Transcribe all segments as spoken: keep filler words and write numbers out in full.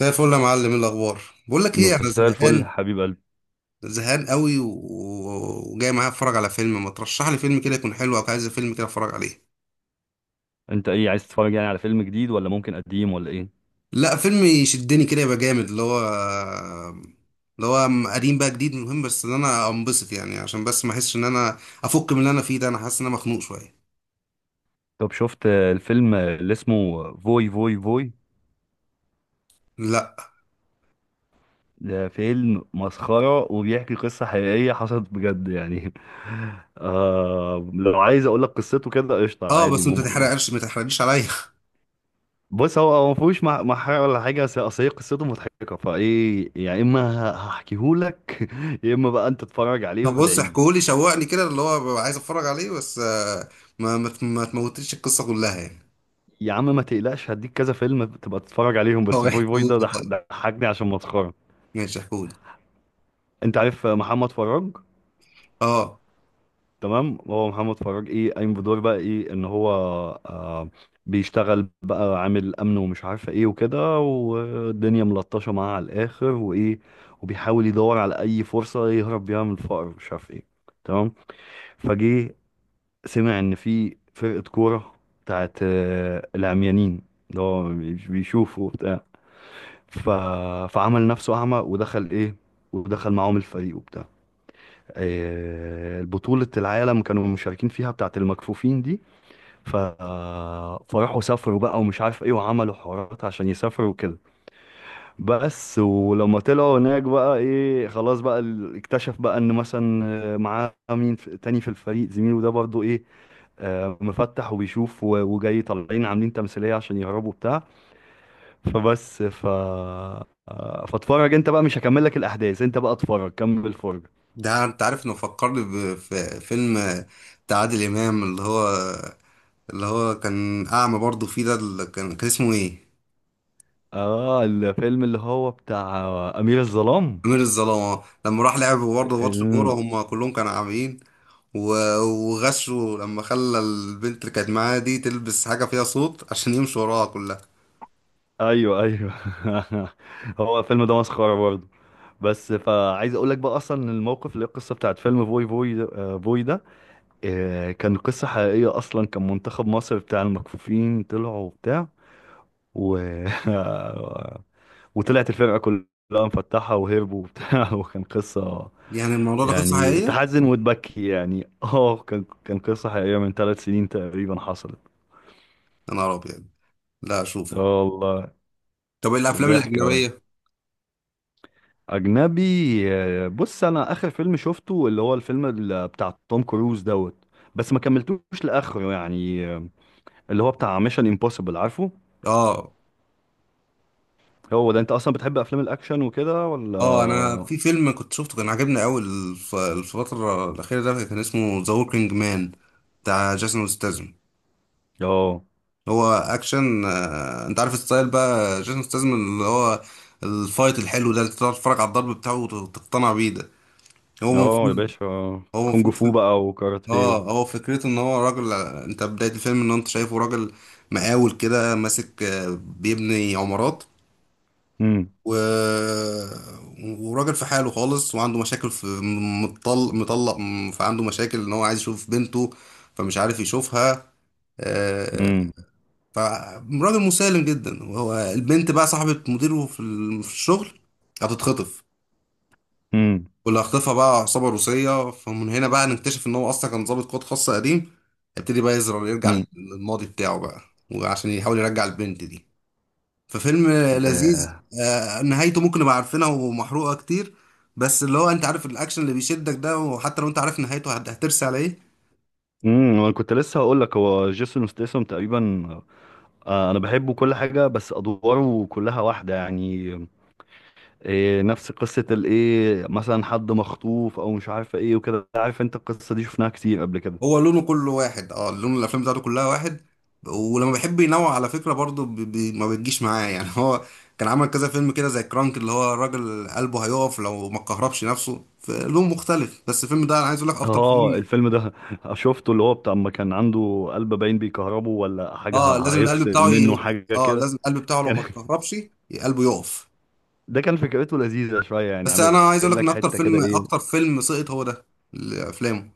زي الفل يا معلم، إيه الاخبار؟ بقول لك ايه، انا مساء الفل، زهقان. حبيب قلبي. زهقان قوي و... وجاي معايا اتفرج على فيلم، ما ترشح لي فيلم كده يكون حلو، او عايز فيلم كده اتفرج عليه؟ انت ايه عايز تتفرج يعني؟ على فيلم جديد ولا ممكن قديم ولا ايه؟ لا، فيلم يشدني كده يبقى جامد، اللي هو اللي هو م- قديم بقى جديد، مهم بس ان انا انبسط يعني، عشان بس ما احسش ان انا افك من اللي انا فيه ده. انا حاسس ان انا مخنوق شويه. طب شفت آه، الفيلم، آه، اللي اسمه فوي فوي فوي؟ لا. ده فيلم مسخرة وبيحكي قصة حقيقية حصلت بجد يعني. آه، لو عايز اقول لك قصته كده قشطة اه، عادي بس انت ممكن يعني. تحرقش، ما تحرقليش عليا. بص، هو هو ما فيهوش مح- محارة ولا حاجة، بس اصل هي قصته مضحكة، فايه، يا اما هحكيهولك يا اما بقى انت تتفرج عليه طب بص، وادعيلي. احكولي، شوقني كده اللي هو ببقى عايز اتفرج عليه، بس آه، ما ما ما تموتليش القصه كلها يعني. يا عم ما تقلقش، هديك كذا فيلم تبقى تتفرج عليهم، بس هو فوي فوي احكولي، ده ضح- طيب ضحكني عشان مسخره. ماشي احكولي. انت عارف محمد فراج؟ اه، تمام، هو محمد فراج ايه قايم بدور بقى ايه، ان هو آه بيشتغل بقى عامل امن ومش عارفه ايه وكده، والدنيا ملطشه معاه على الاخر وايه، وبيحاول يدور على اي فرصه يهرب بيها من الفقر، مش عارف ايه. تمام. فجه سمع ان في فرقه كوره بتاعت آه، العميانين، اللي هو بيشوفوا وبتاع. ف... فعمل نفسه أعمى، ودخل إيه، ودخل معاهم الفريق وبتاع. آه، بطولة العالم كانوا مشاركين فيها، بتاعة المكفوفين دي. ف... فراحوا سافروا بقى ومش عارف ايه وعملوا حوارات عشان يسافروا وكده. بس ولما طلعوا هناك بقى ايه خلاص بقى ال- اكتشف بقى ان مثلا آه، معاه مين في- تاني في الفريق، زميله ده برضه ايه، آه، مفتح وبيشوف و- وجاي طالعين عاملين تمثيلية عشان يهربوا بتاع. فبس ف فاتفرج انت بقى، مش هكمل لك الاحداث، انت بقى اتفرج كمل الفرجه. ده انت عارف انه فكرني بفيلم بتاع عادل امام، اللي هو اللي هو كان اعمى برضه فيه ده، اللي كان كان اسمه ايه؟ اه الفيلم اللي هو بتاع امير الظلام. امير الظلام، آه. لما راح لعب برضه ماتش كوره، ال- هم كلهم كانوا عاميين، و- وغشوا لما خلى البنت اللي كانت معاه دي تلبس حاجه فيها صوت عشان يمشوا وراها كلها. ايوه، ايوه. هو الفيلم ده مسخره برضه، بس فعايز اقول لك بقى اصلا إن الموقف اللي هي القصه بتاعت فيلم فوي فوي ده- آه، فوي ده. آه، كان قصه حقيقيه، اصلا كان منتخب مصر بتاع المكفوفين طلعوا وبتاع و... وطلعت الفرقه كلها مفتحه وهربوا وبتاع وكان قصه يعني الموضوع ده قصه يعني حقيقيه؟ تحزن وتبكي يعني. اه كان كان قصة حقيقية من ثلاث سنين تقريبا حصلت. يا نهار ابيض! لا، اشوفه. اه والله. طب الافلام ضحك أوي. الاجنبيه؟ أجنبي. آه، بص أنا آخر فيلم شفته اللي هو الفيلم ال- بتاع توم كروز دوت، بس ما كملتوش لآخره يعني. آه، اللي هو بتاع ميشن امبوسيبل عارفه. اه هو ده أنت أصلا بتحب أفلام الأكشن وكده ولا اه انا اه؟ في فيلم كنت شفته كان عجبني قوي، الف- الفتره الاخيره، ده كان اسمه ذا وركينج مان، بتاع جيسون ستاثام. هو اكشن، آه، انت عارف الستايل بقى، جيسون ستاثام اللي هو الفايت الحلو ده، اللي تقعد تتفرج على الضرب بتاعه وت- وتقتنع بيه ده. هو اه يا المفروض. باشا، هو كونج المفروض فو فك- بقى وكاراتيه و... اه، هو فكرته ان هو راجل، آه، انت بدايه الفيلم ان انت شايفه راجل مقاول كده، ماسك، آه، بيبني عمارات مم. و... وراجل في حاله خالص، وعنده مشاكل في مطلق مطلق. فعنده مشاكل ان هو عايز يشوف بنته، فمش عارف يشوفها. آه، مم. فراجل مسالم جدا، وهو البنت بقى صاحبة مديره في ال- في الشغل. هتتخطف. مم. واللي هخطفها بقى عصابة روسية، فمن هنا بقى نكتشف ان هو اصلا كان ضابط قوات خاصة قديم. هيبتدي بقى يزرع، يرجع مم. للماضي بتاعه بقى، وعشان يحاول يرجع البنت دي. ففيلم لذيذ. آه. آه، نهايته ممكن نبقى عارفينها ومحروقة كتير، بس اللي هو، انت عارف، الاكشن اللي بيشدك ده، وحتى لو انت عارف نهايته هت- هترسي على ايه. امم انا كنت لسه هقول لك، هو جيسون ستيسم تقريبا. آه انا بحبه كل حاجه، بس ادواره كلها واحده يعني. إيه، نفس قصه الايه، مثلا حد مخطوف او مش عارف ايه وكده. عارف انت القصه دي شفناها كتير قبل كده. هو لونه كله واحد، اه، لون الافلام بتاعته كلها واحد. ولما بيحب ينوع على فكرة برضه، بي بي ما بتجيش معاه يعني. هو كان عمل كذا فيلم كده زي كرانك، اللي هو الراجل قلبه هيقف لو ما كهربش نفسه، في لون مختلف، بس الفيلم ده انا عايز اقول لك اكتر اه فيلم. الفيلم ده شفته، اللي هو بتاع ما كان عنده قلب باين بيكهربه ولا حاجه اه، ه- لازم القلب هيفصل بتاعه منه ي... حاجه اه، كده. لازم القلب بتاعه لو كان ما اتكهربش، قلبه يقف. ده كان فكرته لذيذه شويه يعني، بس عامل انا عايز اقول لك ان لك اكتر حته كده فيلم ايه. اكتر فيلم سقط هو ده، لافلامه.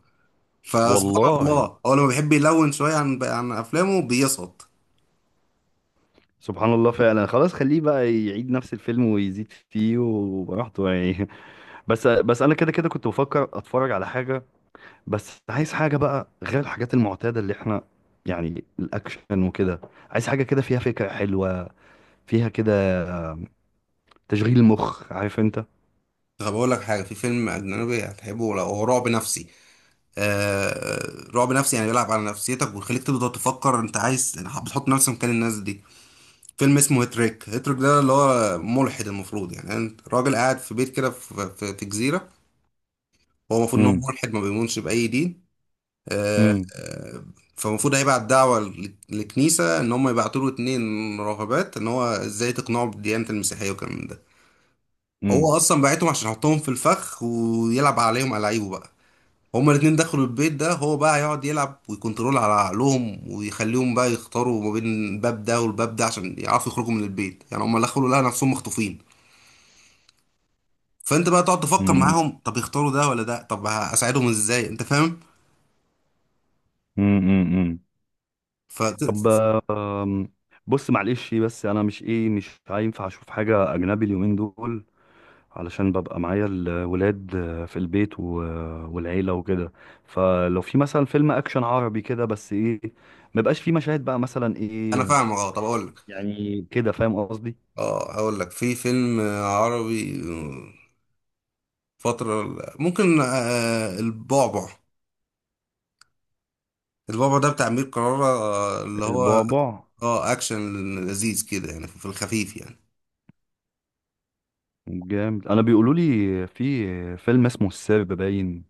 فسبحان والله. الله، هو لما بيحب يلون شويه عن عن افلامه بيسقط. سبحان الله فعلا. خلاص، خليه بقى يعيد نفس الفيلم ويزيد فيه وبراحته يعني. بس بس انا كده كده كنت بفكر اتفرج على حاجه، بس عايز حاجه بقى غير الحاجات المعتاده اللي احنا، يعني الاكشن وكده. عايز حاجه كده فيها فكره حلوه، فيها كده تشغيل مخ، عارف انت. طب اقول لك حاجه، في فيلم اجنبي هتحبه لو هو رعب نفسي. آه، رعب نفسي، يعني بيلعب على نفسيتك، ويخليك تبدا تفكر انت عايز، بتحط نفسك مكان الناس دي. فيلم اسمه هيتريك، هيتريك ده اللي هو ملحد، المفروض يعني انت راجل قاعد في بيت كده في, في, في جزيره. هو المفروض ان هو امم، ملحد، ما بيؤمنش باي دين. امم، فالمفروض هيبعت دعوة لل- للكنيسة، إن هم يبعتوا له اتنين راهبات، إن هو إزاي تقنعوا بالديانة المسيحية والكلام من ده. امم، هو أصلا بعتهم عشان يحطهم في الفخ، ويلعب عليهم ألاعيبه بقى. هما الاتنين دخلوا البيت ده، هو بقى هيقعد يلعب ويكنترول على عقلهم، ويخليهم بقى يختاروا ما بين الباب ده والباب ده عشان يعرفوا يخرجوا من البيت، يعني هما دخلوا لقوا نفسهم مخطوفين. فانت بقى تقعد تفكر امم، معاهم، طب يختاروا ده ولا ده، طب هساعدهم ازاي، انت فاهم. امم. ف طب، آم، بص معلش، بس انا مش ايه مش هينفع اشوف حاجه اجنبي اليومين دول، علشان ببقى معايا الولاد في البيت و- والعيلة وكده. فلو في مثلا فيلم أكشن عربي كده بس إيه، مبقاش فيه مشاهد بقى مثلا انا إيه. فاهم، اه، طب اقول لك. يعني كده فاهم قصدي. اه، اقول لك في فيلم عربي فترة، ممكن، آه، البعبع. البعبع ده بتاع أمير كرارة، آه، اللي هو، البعبع. اه، اكشن لذيذ كده يعني، في الخفيف يعني. جامد. أنا بيقولوا لي في فيلم اسمه السرب باين.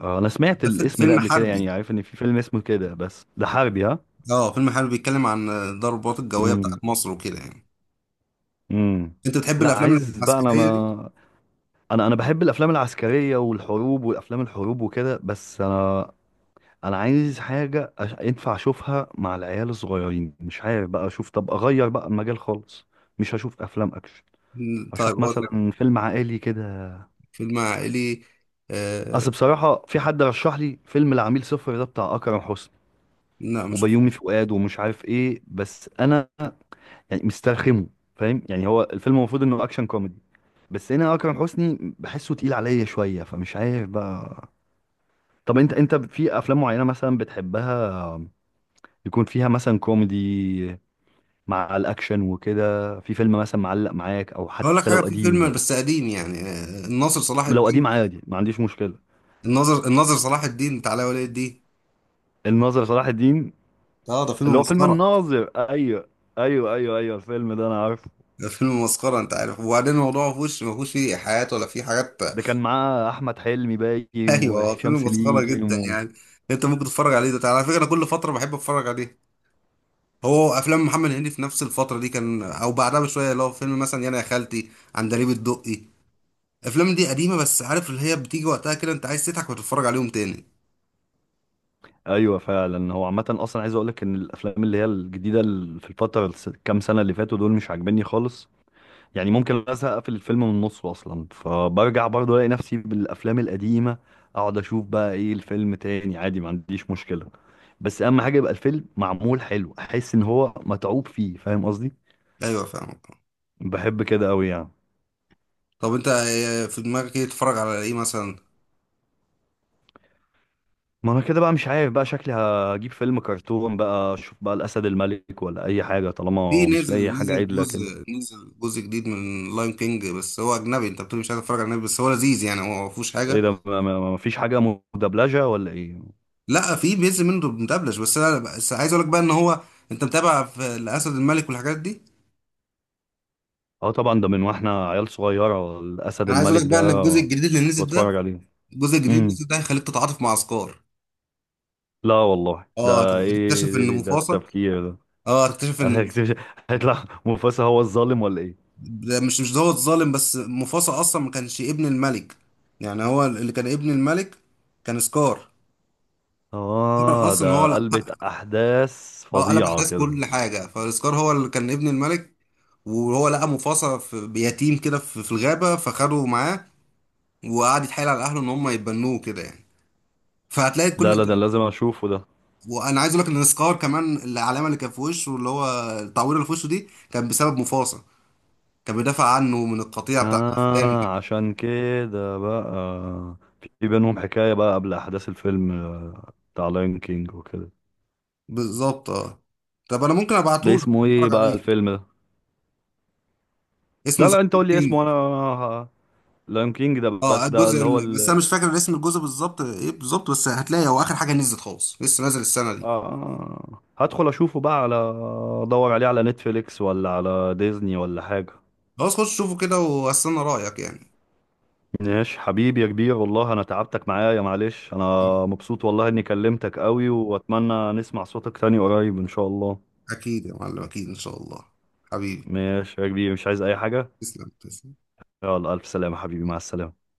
آه، أنا سمعت ده فيلم الاسم ده فيلم قبل كده، حربي؟ يعني عارف إن في فيلم اسمه كده، بس ده حربي؟ ها؟ اه، فيلم حربي بيتكلم عن الضربات الجوية امم، بتاعت مصر وكده يعني. امم. انت بتحب لا، الافلام عايز بقى أنا العسكرية دي؟ ما أنا أنا بحب الأفلام العسكرية والحروب والأفلام الحروب وكده، بس أنا انا عايز حاجه أش... ينفع اشوفها مع العيال الصغيرين. مش عارف بقى اشوف، طب اغير بقى المجال خالص، مش هشوف افلام اكشن. مم، طيب اشوف اقول لك مثلا فيلم عائلي كده. فيلم عائلي، آه. اصل بصراحه في حد رشح لي فيلم العميل صفر ده بتاع اكرم حسني لا، مش وبيومي شفته. فؤاد، ومش عارف ايه، بس انا يعني مسترخمه، فاهم يعني. هو الفيلم المفروض انه اكشن كوميدي، بس هنا اكرم حسني بحسه تقيل عليا شويه، فمش عارف بقى. طب انت انت في افلام معينه مثلا بتحبها، يكون فيها مثلا كوميدي مع الاكشن وكده؟ في فيلم مثلا معلق معاك، او اقول لك حتى حاجة، لو في فيلم قديم؟ بس قديم يعني، آه، الناصر صلاح لو قديم الدين. عادي ما عنديش مشكله. الناظر الناظر صلاح الدين بتاع علاء ولي الدين. الناظر صلاح الدين، اه، ده فيلم اللي هو فيلم مسخره. الناظر، ايوه، ايوه، ايوه، ايوه، الفيلم ده انا عارفه. ده فيلم مسخره، انت عارف، وبعدين الموضوع ما فيهوش ما فيهوش فيه حياة ولا فيه حاجات. ده كان معاه احمد حلمي باين ايوه، هو وهشام فيلم مسخره سليم جدا و... يعني. انت ممكن تتفرج عليه ده، على فكره انا كل فتره بحب اتفرج عليه. هو افلام محمد هنيدي في نفس الفتره دي كان، او بعدها بشويه، اللي هو فيلم مثلا يانا يا خالتي، عندليب الدقي. الافلام دي قديمه، بس عارف اللي هي بتيجي وقتها كده، انت عايز تضحك وتتفرج عليهم تاني. ايوه فعلا. هو عامه اصلا عايز اقول لك ان الافلام اللي هي الجديده ال- في الفتره الس- كام سنه اللي فاتوا دول مش عاجبني خالص. يعني ممكن ازهق، اقفل الفيلم من نصه اصلا، فبرجع برضه الاقي نفسي بالافلام القديمه. اقعد اشوف بقى ايه الفيلم تاني، عادي ما عنديش مشكله. بس اهم حاجه يبقى الفيلم معمول حلو، احس ان هو متعوب فيه، فاهم قصدي. ايوه، فاهمك. بحب كده قوي يعني. طب انت، آه، في دماغك ايه تتفرج على ايه مثلا؟ ما انا كده بقى مش عارف بقى، شكلي هجيب فيلم كرتون بقى، اشوف بقى الاسد الملك ولا اي حاجه في طالما مش نزل لاقي حاجه نزل عدله كده. جزء نزل جزء جديد من لاين كينج، بس هو اجنبي، انت بتقول مش عايز اتفرج على اجنبي، بس هو لذيذ يعني، هو ما فيهوش ايه حاجه. ده؟ ما ما- ما فيش حاجه مدبلجه ولا ايه؟ لا، في بينزل منه مدبلج، بس انا بس عايز اقول لك بقى ان هو، انت متابع في الاسد الملك والحاجات دي؟ اه طبعا، ده من واحنا عيال صغيره الاسد انا عايز اقول الملك لك ده بقى ان الجزء الجديد اللي كنت نزل بتفرج ده، عليه. الجزء الجديد اللي امم. نزل ده هيخليك تتعاطف مع عسكر. لا والله، اه، هت- ده ايه هتكتشف ان ده, ده, ده مفاصة، التفكير ده؟ اه، هتكتشف ان هيكتشف- هيطلع مفاسا هو الظالم ولا ايه؟ ده مش مش دوت ظالم، بس مفاصة اصلا ما كانش ابن الملك. يعني هو اللي كان ابن الملك، كان سكار. اه اصلا هو، ده قلبة احداث اه، قلب فظيعة احداث كده. كل حاجه، فالسكار هو اللي كان ابن الملك. وهو لقى مفاصة في بيتيم كده في في الغابه، فخده معاه، وقعد يتحايل على اهله ان هم يتبنوه كده يعني. فهتلاقي كل. لا، لا، ده لازم اشوفه ده. وانا عايز اقول لك ان سكار كمان، العلامه اللي كان في وشه، اللي هو التعويره اللي في وشه دي كان بسبب مفاصة. كان بيدافع عنه من القطيع بتاع الاسلام. اه عشان كده بقى في بينهم حكاية بقى قبل احداث الفيلم، آه، بتاع لاين كينج وكده. بالظبط، اه. طب انا ممكن ده ابعته لك اسمه ايه اتفرج بقى عليه. الفيلم ده؟ اسمه لا، ذا لا، انت قول لي كينج. اسمه. انا لاين كينج ده؟ اه، بس ده الجزء اللي هو ال- بس انا مش فاكر اسم الجزء بالظبط ايه بالظبط، بس هتلاقي هو اخر حاجه نزلت خالص، لسه نازل السنه آه، دي. آه، آه. هدخل اشوفه بقى على، ادور عليه على نتفليكس ولا على ديزني ولا حاجة. خلاص، خش شوفه كده واستنى رأيك يعني. ماشي حبيبي يا كبير، والله انا تعبتك معايا، معلش. انا مبسوط والله اني كلمتك قوي، واتمنى نسمع صوتك تاني قريب ان شاء الله. اكيد يا معلم، اكيد ان شاء الله. حبيبي. ماشي يا كبير، مش عايز اي حاجة. تسلم، تسلم. يلا، الف سلامة حبيبي، مع السلامة.